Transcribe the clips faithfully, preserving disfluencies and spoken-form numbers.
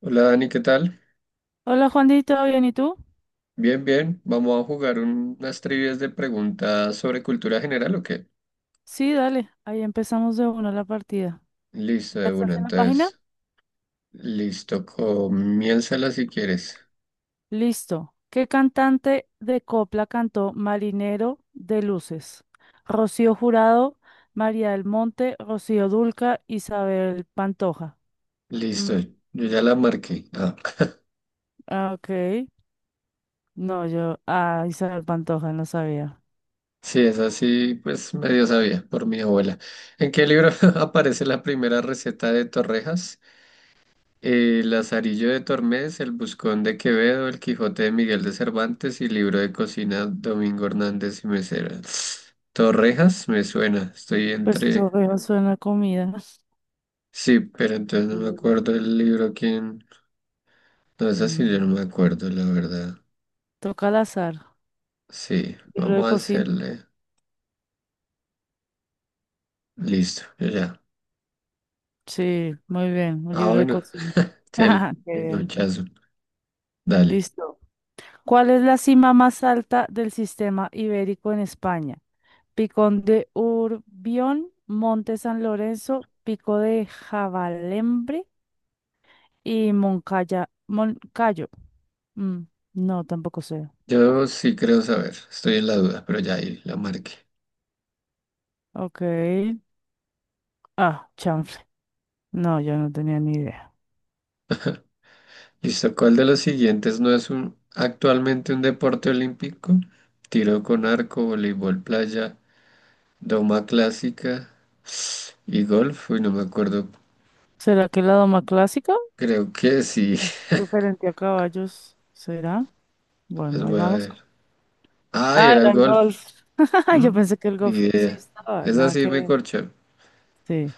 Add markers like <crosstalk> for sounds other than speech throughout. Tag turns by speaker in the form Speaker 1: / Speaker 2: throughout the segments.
Speaker 1: Hola Dani, ¿qué tal?
Speaker 2: Hola Juanito, ¿todo bien y tú?
Speaker 1: Bien, bien. Vamos a jugar un- unas trivias de preguntas sobre cultura general, ¿o qué?
Speaker 2: Sí, dale, ahí empezamos de una la partida.
Speaker 1: Listo,
Speaker 2: ¿Ya
Speaker 1: de una.
Speaker 2: estás en la página?
Speaker 1: Entonces, listo. Comiénzala si quieres.
Speaker 2: Listo. ¿Qué cantante de copla cantó Marinero de Luces? Rocío Jurado, María del Monte, Rocío Dulca, Isabel Pantoja. Mm,
Speaker 1: Listo. Yo ya la marqué. Ah. <laughs>
Speaker 2: ah, ok. No, yo, ah, Isabel Pantoja, no sabía.
Speaker 1: Sí, es así, pues medio sabía por mi abuela. ¿En qué libro <laughs> aparece la primera receta de torrejas? Eh, Lazarillo de Tormes, El Buscón de Quevedo, El Quijote de Miguel de Cervantes y Libro de Cocina, Domingo Hernández y Mesera. Torrejas, me suena, estoy
Speaker 2: Pues
Speaker 1: entre...
Speaker 2: todo suena a comida.
Speaker 1: Sí, pero entonces no me
Speaker 2: Mm,
Speaker 1: acuerdo el libro quién... No es
Speaker 2: Mm,
Speaker 1: así, yo no me acuerdo, la verdad.
Speaker 2: Toca al azar.
Speaker 1: Sí,
Speaker 2: Libro de
Speaker 1: vamos a
Speaker 2: cocina.
Speaker 1: hacerle... Listo, yo ya.
Speaker 2: Sí, muy bien, un
Speaker 1: Ah,
Speaker 2: libro de
Speaker 1: bueno,
Speaker 2: cocina.
Speaker 1: el
Speaker 2: <laughs> Qué
Speaker 1: el
Speaker 2: bien.
Speaker 1: nochazo. Dale.
Speaker 2: Listo. ¿Cuál es la cima más alta del sistema ibérico en España? Picón de Urbión, Monte San Lorenzo, Pico de Javalembre y Moncaya, Moncayo. Mm, no, tampoco sé.
Speaker 1: Yo sí creo saber, estoy en la duda, pero ya ahí la marqué.
Speaker 2: Ok. Ah, chanfle. No, yo no tenía ni idea.
Speaker 1: Listo, ¿cuál de los siguientes no es un, actualmente un deporte olímpico? Tiro con arco, voleibol playa, doma clásica y golf. Uy, no me acuerdo.
Speaker 2: ¿Será que la doma clásica?
Speaker 1: Creo que sí.
Speaker 2: ¿O
Speaker 1: <laughs>
Speaker 2: referente a caballos, será?
Speaker 1: Pues
Speaker 2: Bueno, ahí
Speaker 1: voy a
Speaker 2: vamos.
Speaker 1: ver. Ay,
Speaker 2: Ah,
Speaker 1: era
Speaker 2: era
Speaker 1: el
Speaker 2: el
Speaker 1: golf.
Speaker 2: golf. <laughs> Yo
Speaker 1: Mm,
Speaker 2: pensé que el
Speaker 1: ni
Speaker 2: golf sí
Speaker 1: idea.
Speaker 2: estaba.
Speaker 1: Esa
Speaker 2: Nada
Speaker 1: sí
Speaker 2: que
Speaker 1: me
Speaker 2: ver.
Speaker 1: corchó.
Speaker 2: Sí,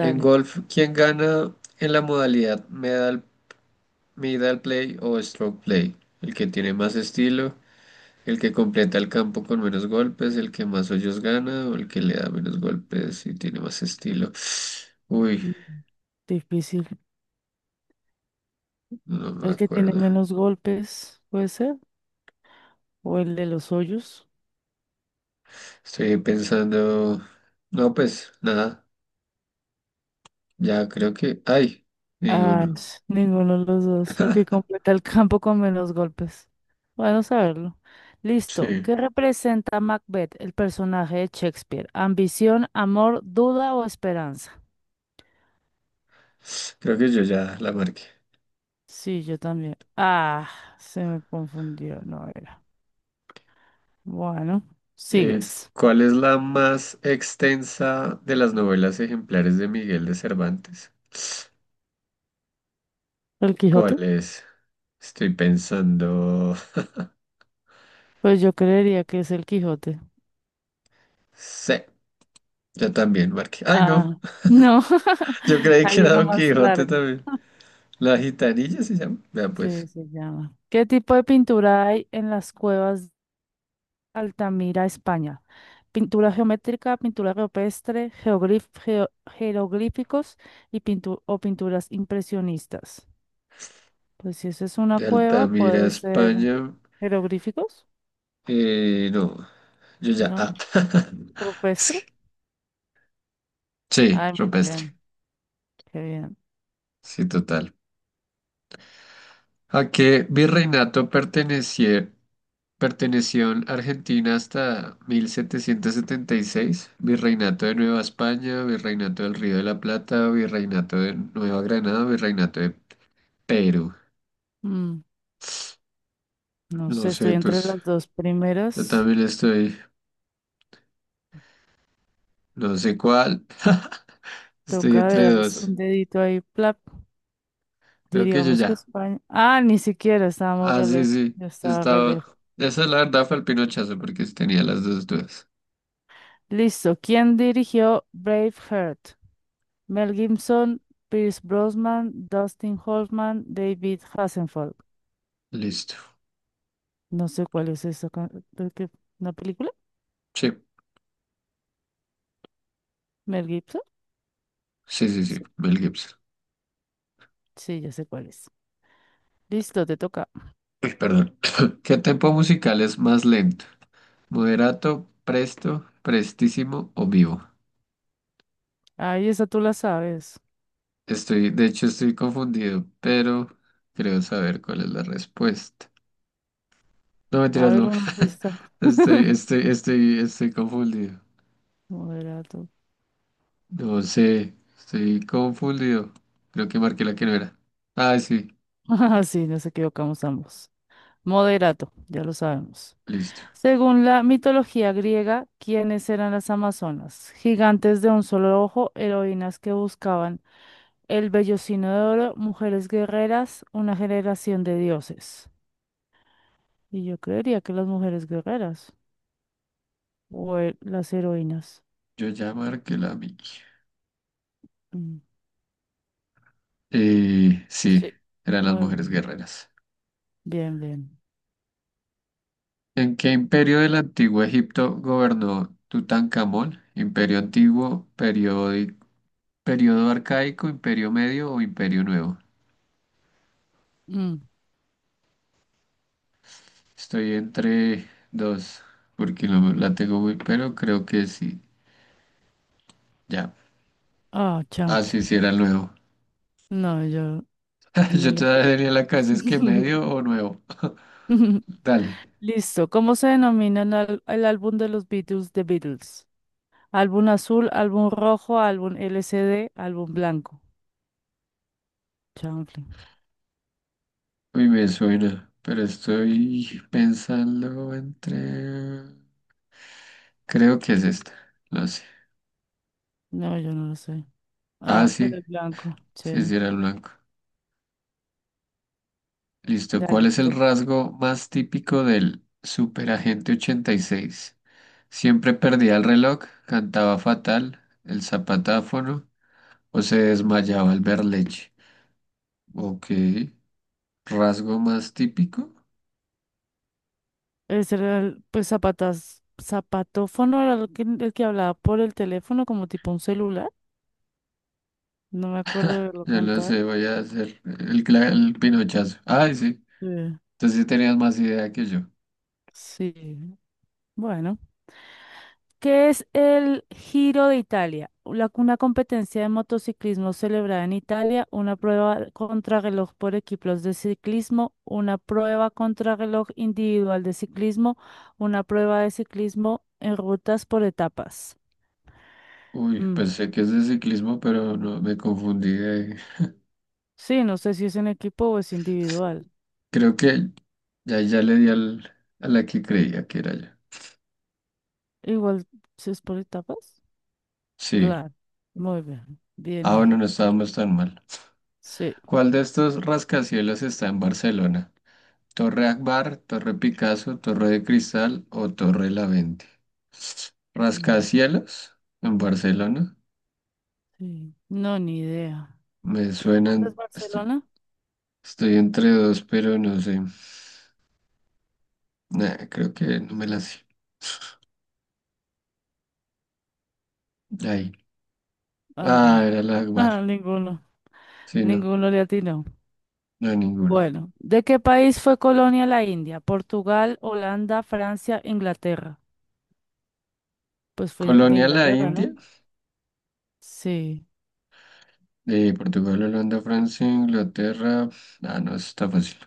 Speaker 1: En golf, ¿quién gana en la modalidad medal, medal play o stroke play? ¿El que tiene más estilo, el que completa el campo con menos golpes, el que más hoyos gana o el que le da menos golpes y tiene más estilo? Uy,
Speaker 2: Mm, Difícil.
Speaker 1: no me
Speaker 2: El que tiene
Speaker 1: acuerdo.
Speaker 2: menos golpes, puede ser. O el de los hoyos.
Speaker 1: Estoy pensando... No, pues nada, ya creo que... ¡Ay!
Speaker 2: Ah,
Speaker 1: Ninguno.
Speaker 2: ch, ninguno de los dos. El que
Speaker 1: <laughs>
Speaker 2: completa el campo con menos golpes. Bueno, saberlo.
Speaker 1: Sí,
Speaker 2: Listo. ¿Qué representa Macbeth, el personaje de Shakespeare? ¿Ambición, amor, duda o esperanza?
Speaker 1: creo que yo ya la marqué.
Speaker 2: Sí, yo también. Ah, se me confundió. No era. Bueno,
Speaker 1: Eh,
Speaker 2: sigues.
Speaker 1: ¿cuál es la más extensa de las novelas ejemplares de Miguel de Cervantes?
Speaker 2: ¿El
Speaker 1: ¿Cuál
Speaker 2: Quijote?
Speaker 1: es? Estoy pensando...
Speaker 2: Pues yo creería que es el Quijote.
Speaker 1: Sí, yo también marqué. ¡Ay, no!
Speaker 2: Ah, no, <laughs>
Speaker 1: Yo creí que
Speaker 2: hay
Speaker 1: era
Speaker 2: una
Speaker 1: Don
Speaker 2: más
Speaker 1: Quijote
Speaker 2: larga.
Speaker 1: también. La gitanilla se llama. Vea
Speaker 2: Sí,
Speaker 1: pues.
Speaker 2: se llama. ¿Qué tipo de pintura hay en las cuevas de Altamira, España? Pintura geométrica, pintura rupestre, geoglif- geo- jeroglíficos y pintu- o pinturas impresionistas. Pues si esa es una
Speaker 1: De
Speaker 2: cueva,
Speaker 1: Altamira,
Speaker 2: puede ser
Speaker 1: España.
Speaker 2: jeroglíficos,
Speaker 1: Eh, no, yo ya.
Speaker 2: ¿no?
Speaker 1: Ah. <laughs> Es
Speaker 2: Rupestre.
Speaker 1: que- Sí,
Speaker 2: Ay, muy
Speaker 1: rupestre.
Speaker 2: bien, qué bien.
Speaker 1: Sí, total. ¿A qué virreinato perteneció, perteneció en Argentina hasta mil setecientos setenta y seis? Virreinato de Nueva España, Virreinato del Río de la Plata, Virreinato de Nueva Granada, Virreinato de Perú.
Speaker 2: Mm, no
Speaker 1: No
Speaker 2: sé, estoy
Speaker 1: sé,
Speaker 2: entre
Speaker 1: pues
Speaker 2: las dos
Speaker 1: yo
Speaker 2: primeras.
Speaker 1: también estoy, no sé cuál. Estoy
Speaker 2: Toca de
Speaker 1: entre
Speaker 2: das
Speaker 1: dos.
Speaker 2: un dedito ahí, plap.
Speaker 1: Creo que yo
Speaker 2: Diríamos que
Speaker 1: ya.
Speaker 2: España. Ah, ni siquiera estábamos
Speaker 1: Ah,
Speaker 2: re
Speaker 1: sí,
Speaker 2: lejos.
Speaker 1: sí.
Speaker 2: Yo
Speaker 1: Yo
Speaker 2: estaba re
Speaker 1: estaba.
Speaker 2: lejos.
Speaker 1: Esa la verdad fue el pinochazo porque tenía las dos dudas.
Speaker 2: Listo. ¿Quién dirigió Braveheart? Mel Gibson, Pierce Brosnan, Dustin Hoffman, David Hasselhoff.
Speaker 1: Listo.
Speaker 2: No sé cuál es esa. ca- creo que- ¿Una película?
Speaker 1: Sí,
Speaker 2: ¿Mel Gibson?
Speaker 1: sí, sí, sí.
Speaker 2: Sí,
Speaker 1: Mel Gibson.
Speaker 2: sí, ya sé cuál es. Listo, te toca.
Speaker 1: Uy, perdón. <laughs> <clears throat> ¿Qué tempo musical es más lento? ¿Moderato, presto, prestísimo o vivo?
Speaker 2: Ahí esa tú la sabes.
Speaker 1: Estoy, de hecho, estoy confundido, pero creo saber cuál es la respuesta. No,
Speaker 2: A
Speaker 1: mentiras,
Speaker 2: ver
Speaker 1: no.
Speaker 2: una pista.
Speaker 1: <laughs> Estoy,
Speaker 2: <laughs>
Speaker 1: estoy, estoy, estoy confundido.
Speaker 2: Moderato.
Speaker 1: No sé, estoy confundido. Creo que marqué la que no era. Ah, sí,
Speaker 2: <laughs> Ah, sí, nos equivocamos ambos. Moderato, ya lo sabemos.
Speaker 1: listo.
Speaker 2: Según la mitología griega, ¿quiénes eran las amazonas? Gigantes de un solo ojo, heroínas que buscaban el vellocino de oro, mujeres guerreras, una generación de dioses. Y yo creería que las mujeres guerreras o he- las heroínas.
Speaker 1: Yo ya marqué la mía.
Speaker 2: Mm,
Speaker 1: Eh, sí,
Speaker 2: sí.
Speaker 1: eran las
Speaker 2: Muy
Speaker 1: mujeres
Speaker 2: bien,
Speaker 1: guerreras.
Speaker 2: bien, bien.
Speaker 1: ¿En qué imperio del antiguo Egipto gobernó Tutankamón? ¿Imperio antiguo, periódi- periodo arcaico, imperio medio o imperio nuevo?
Speaker 2: Mm,
Speaker 1: Estoy entre dos, porque no me- la tengo muy, pero creo que sí. Ya.
Speaker 2: Ah,
Speaker 1: Ah,
Speaker 2: champla.
Speaker 1: sí, sí, era el nuevo.
Speaker 2: No, yo
Speaker 1: <laughs>
Speaker 2: no
Speaker 1: Yo
Speaker 2: le
Speaker 1: todavía
Speaker 2: atiné.
Speaker 1: tenía en la cabeza es que medio
Speaker 2: <laughs>
Speaker 1: o nuevo. Dale.
Speaker 2: Listo. ¿Cómo se denomina el, al- el álbum de los Beatles, The Beatles? Álbum azul, álbum rojo, álbum L C D, álbum blanco. Chanfle.
Speaker 1: Uy, me suena, pero estoy pensando entre... Creo que es esta, no sé.
Speaker 2: No, yo no lo sé.
Speaker 1: Ah,
Speaker 2: Ah,
Speaker 1: sí,
Speaker 2: era el blanco. Sí.
Speaker 1: sí, sí era el blanco. Listo, ¿cuál
Speaker 2: Dale,
Speaker 1: es el
Speaker 2: toc.
Speaker 1: rasgo más típico del superagente ochenta y seis? Siempre perdía el reloj, cantaba fatal, el zapatáfono o se desmayaba al ver leche. Ok, rasgo más típico,
Speaker 2: Ese era el, pues zapatas, zapatófono era el que, el que hablaba por el teléfono como tipo un celular. No me acuerdo de verlo
Speaker 1: ya lo
Speaker 2: cantar.
Speaker 1: sé, voy a hacer el, cla- el pinochazo. Ay, sí,
Speaker 2: Sí.
Speaker 1: entonces sí tenías más idea que yo.
Speaker 2: Sí. Bueno. ¿Qué es el Giro de Italia? La- una competencia de motociclismo celebrada en Italia, una prueba contrarreloj por equipos de ciclismo, una prueba contrarreloj individual de ciclismo, una prueba de ciclismo en rutas por etapas.
Speaker 1: Uy,
Speaker 2: Mm,
Speaker 1: pensé que es de ciclismo, pero no me confundí de-
Speaker 2: Sí, no sé si es en equipo o es individual.
Speaker 1: Creo que ya, ya le di al, a la que creía que era yo.
Speaker 2: Igual, si es por etapas.
Speaker 1: Sí.
Speaker 2: Claro, muy bien, bien
Speaker 1: Ah, bueno,
Speaker 2: ahí.
Speaker 1: no estábamos tan mal.
Speaker 2: Sí,
Speaker 1: ¿Cuál de estos rascacielos está en Barcelona? ¿Torre Akbar, Torre Picasso, Torre de Cristal o Torre La Vente?
Speaker 2: mm,
Speaker 1: ¿Rascacielos en Barcelona?
Speaker 2: sí, no, ni idea.
Speaker 1: Me
Speaker 2: ¿Tú conoces
Speaker 1: suenan. Estoy,
Speaker 2: Barcelona?
Speaker 1: estoy entre dos, pero no sé. Nah, creo que no me la sé. Ahí.
Speaker 2: Ah,
Speaker 1: Ah,
Speaker 2: claro.
Speaker 1: era la
Speaker 2: <laughs> Ah,
Speaker 1: Akbar.
Speaker 2: ninguno,
Speaker 1: Sí, no,
Speaker 2: ninguno le atinó.
Speaker 1: no, ninguno.
Speaker 2: Bueno, ¿de qué país fue colonia la India? ¿Portugal, Holanda, Francia, Inglaterra? Pues fue de
Speaker 1: Colonia la
Speaker 2: Inglaterra, ¿no?
Speaker 1: India,
Speaker 2: Sí,
Speaker 1: de Portugal, Holanda, Francia, Inglaterra. Ah, no, eso está fácil.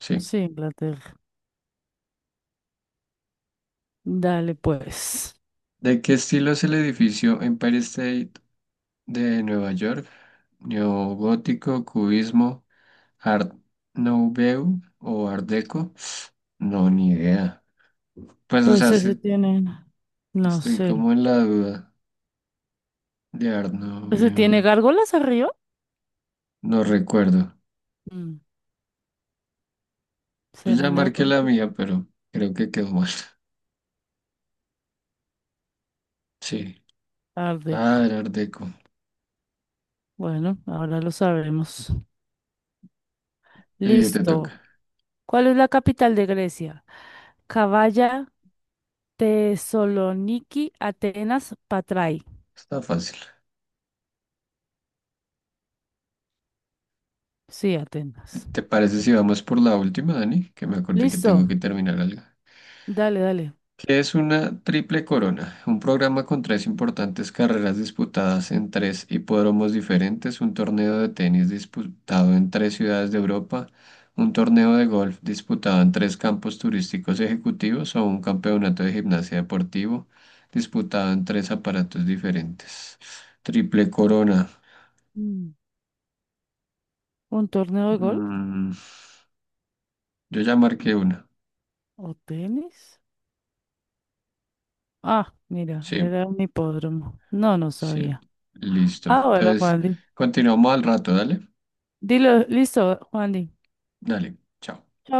Speaker 1: Sí.
Speaker 2: sí, Inglaterra. Dale, pues.
Speaker 1: ¿De qué estilo es el edificio Empire State de Nueva York? ¿Neogótico, cubismo, Art Nouveau o Art Deco? No, ni idea. Pues, o
Speaker 2: Pues
Speaker 1: sea,
Speaker 2: ese
Speaker 1: sí,
Speaker 2: tiene, no
Speaker 1: estoy
Speaker 2: sé.
Speaker 1: como en la duda de Art Nouveau.
Speaker 2: ¿Ese tiene gárgolas arriba?
Speaker 1: No recuerdo.
Speaker 2: Mm,
Speaker 1: Yo
Speaker 2: ¿Será
Speaker 1: ya marqué
Speaker 2: neutro?
Speaker 1: la mía, pero creo que quedó mal. Sí.
Speaker 2: Art
Speaker 1: Ah,
Speaker 2: Deco.
Speaker 1: era Art Deco.
Speaker 2: Bueno, ahora lo sabremos.
Speaker 1: Y te toca.
Speaker 2: Listo. ¿Cuál es la capital de Grecia? Cavalla, Tesaloniki, Atenas, Patrai.
Speaker 1: Está fácil.
Speaker 2: Sí, Atenas.
Speaker 1: ¿Te parece si vamos por la última, Dani? Que me acordé que tengo
Speaker 2: Listo.
Speaker 1: que terminar algo.
Speaker 2: Dale, dale.
Speaker 1: ¿Qué es una triple corona? Un programa con tres importantes carreras disputadas en tres hipódromos diferentes, un torneo de tenis disputado en tres ciudades de Europa, un torneo de golf disputado en tres campos turísticos ejecutivos o un campeonato de gimnasia deportivo disputado en tres aparatos diferentes. Triple corona.
Speaker 2: Mm, ¿Un torneo de golf
Speaker 1: Mm, yo ya marqué una.
Speaker 2: o tenis? Ah, mira,
Speaker 1: Sí.
Speaker 2: era un hipódromo. No, no
Speaker 1: Sí,
Speaker 2: sabía.
Speaker 1: listo.
Speaker 2: Ah, bueno,
Speaker 1: Entonces,
Speaker 2: Juan.
Speaker 1: continuamos al rato, dale.
Speaker 2: Dilo, listo, Juan.
Speaker 1: Dale, chao.
Speaker 2: Chao.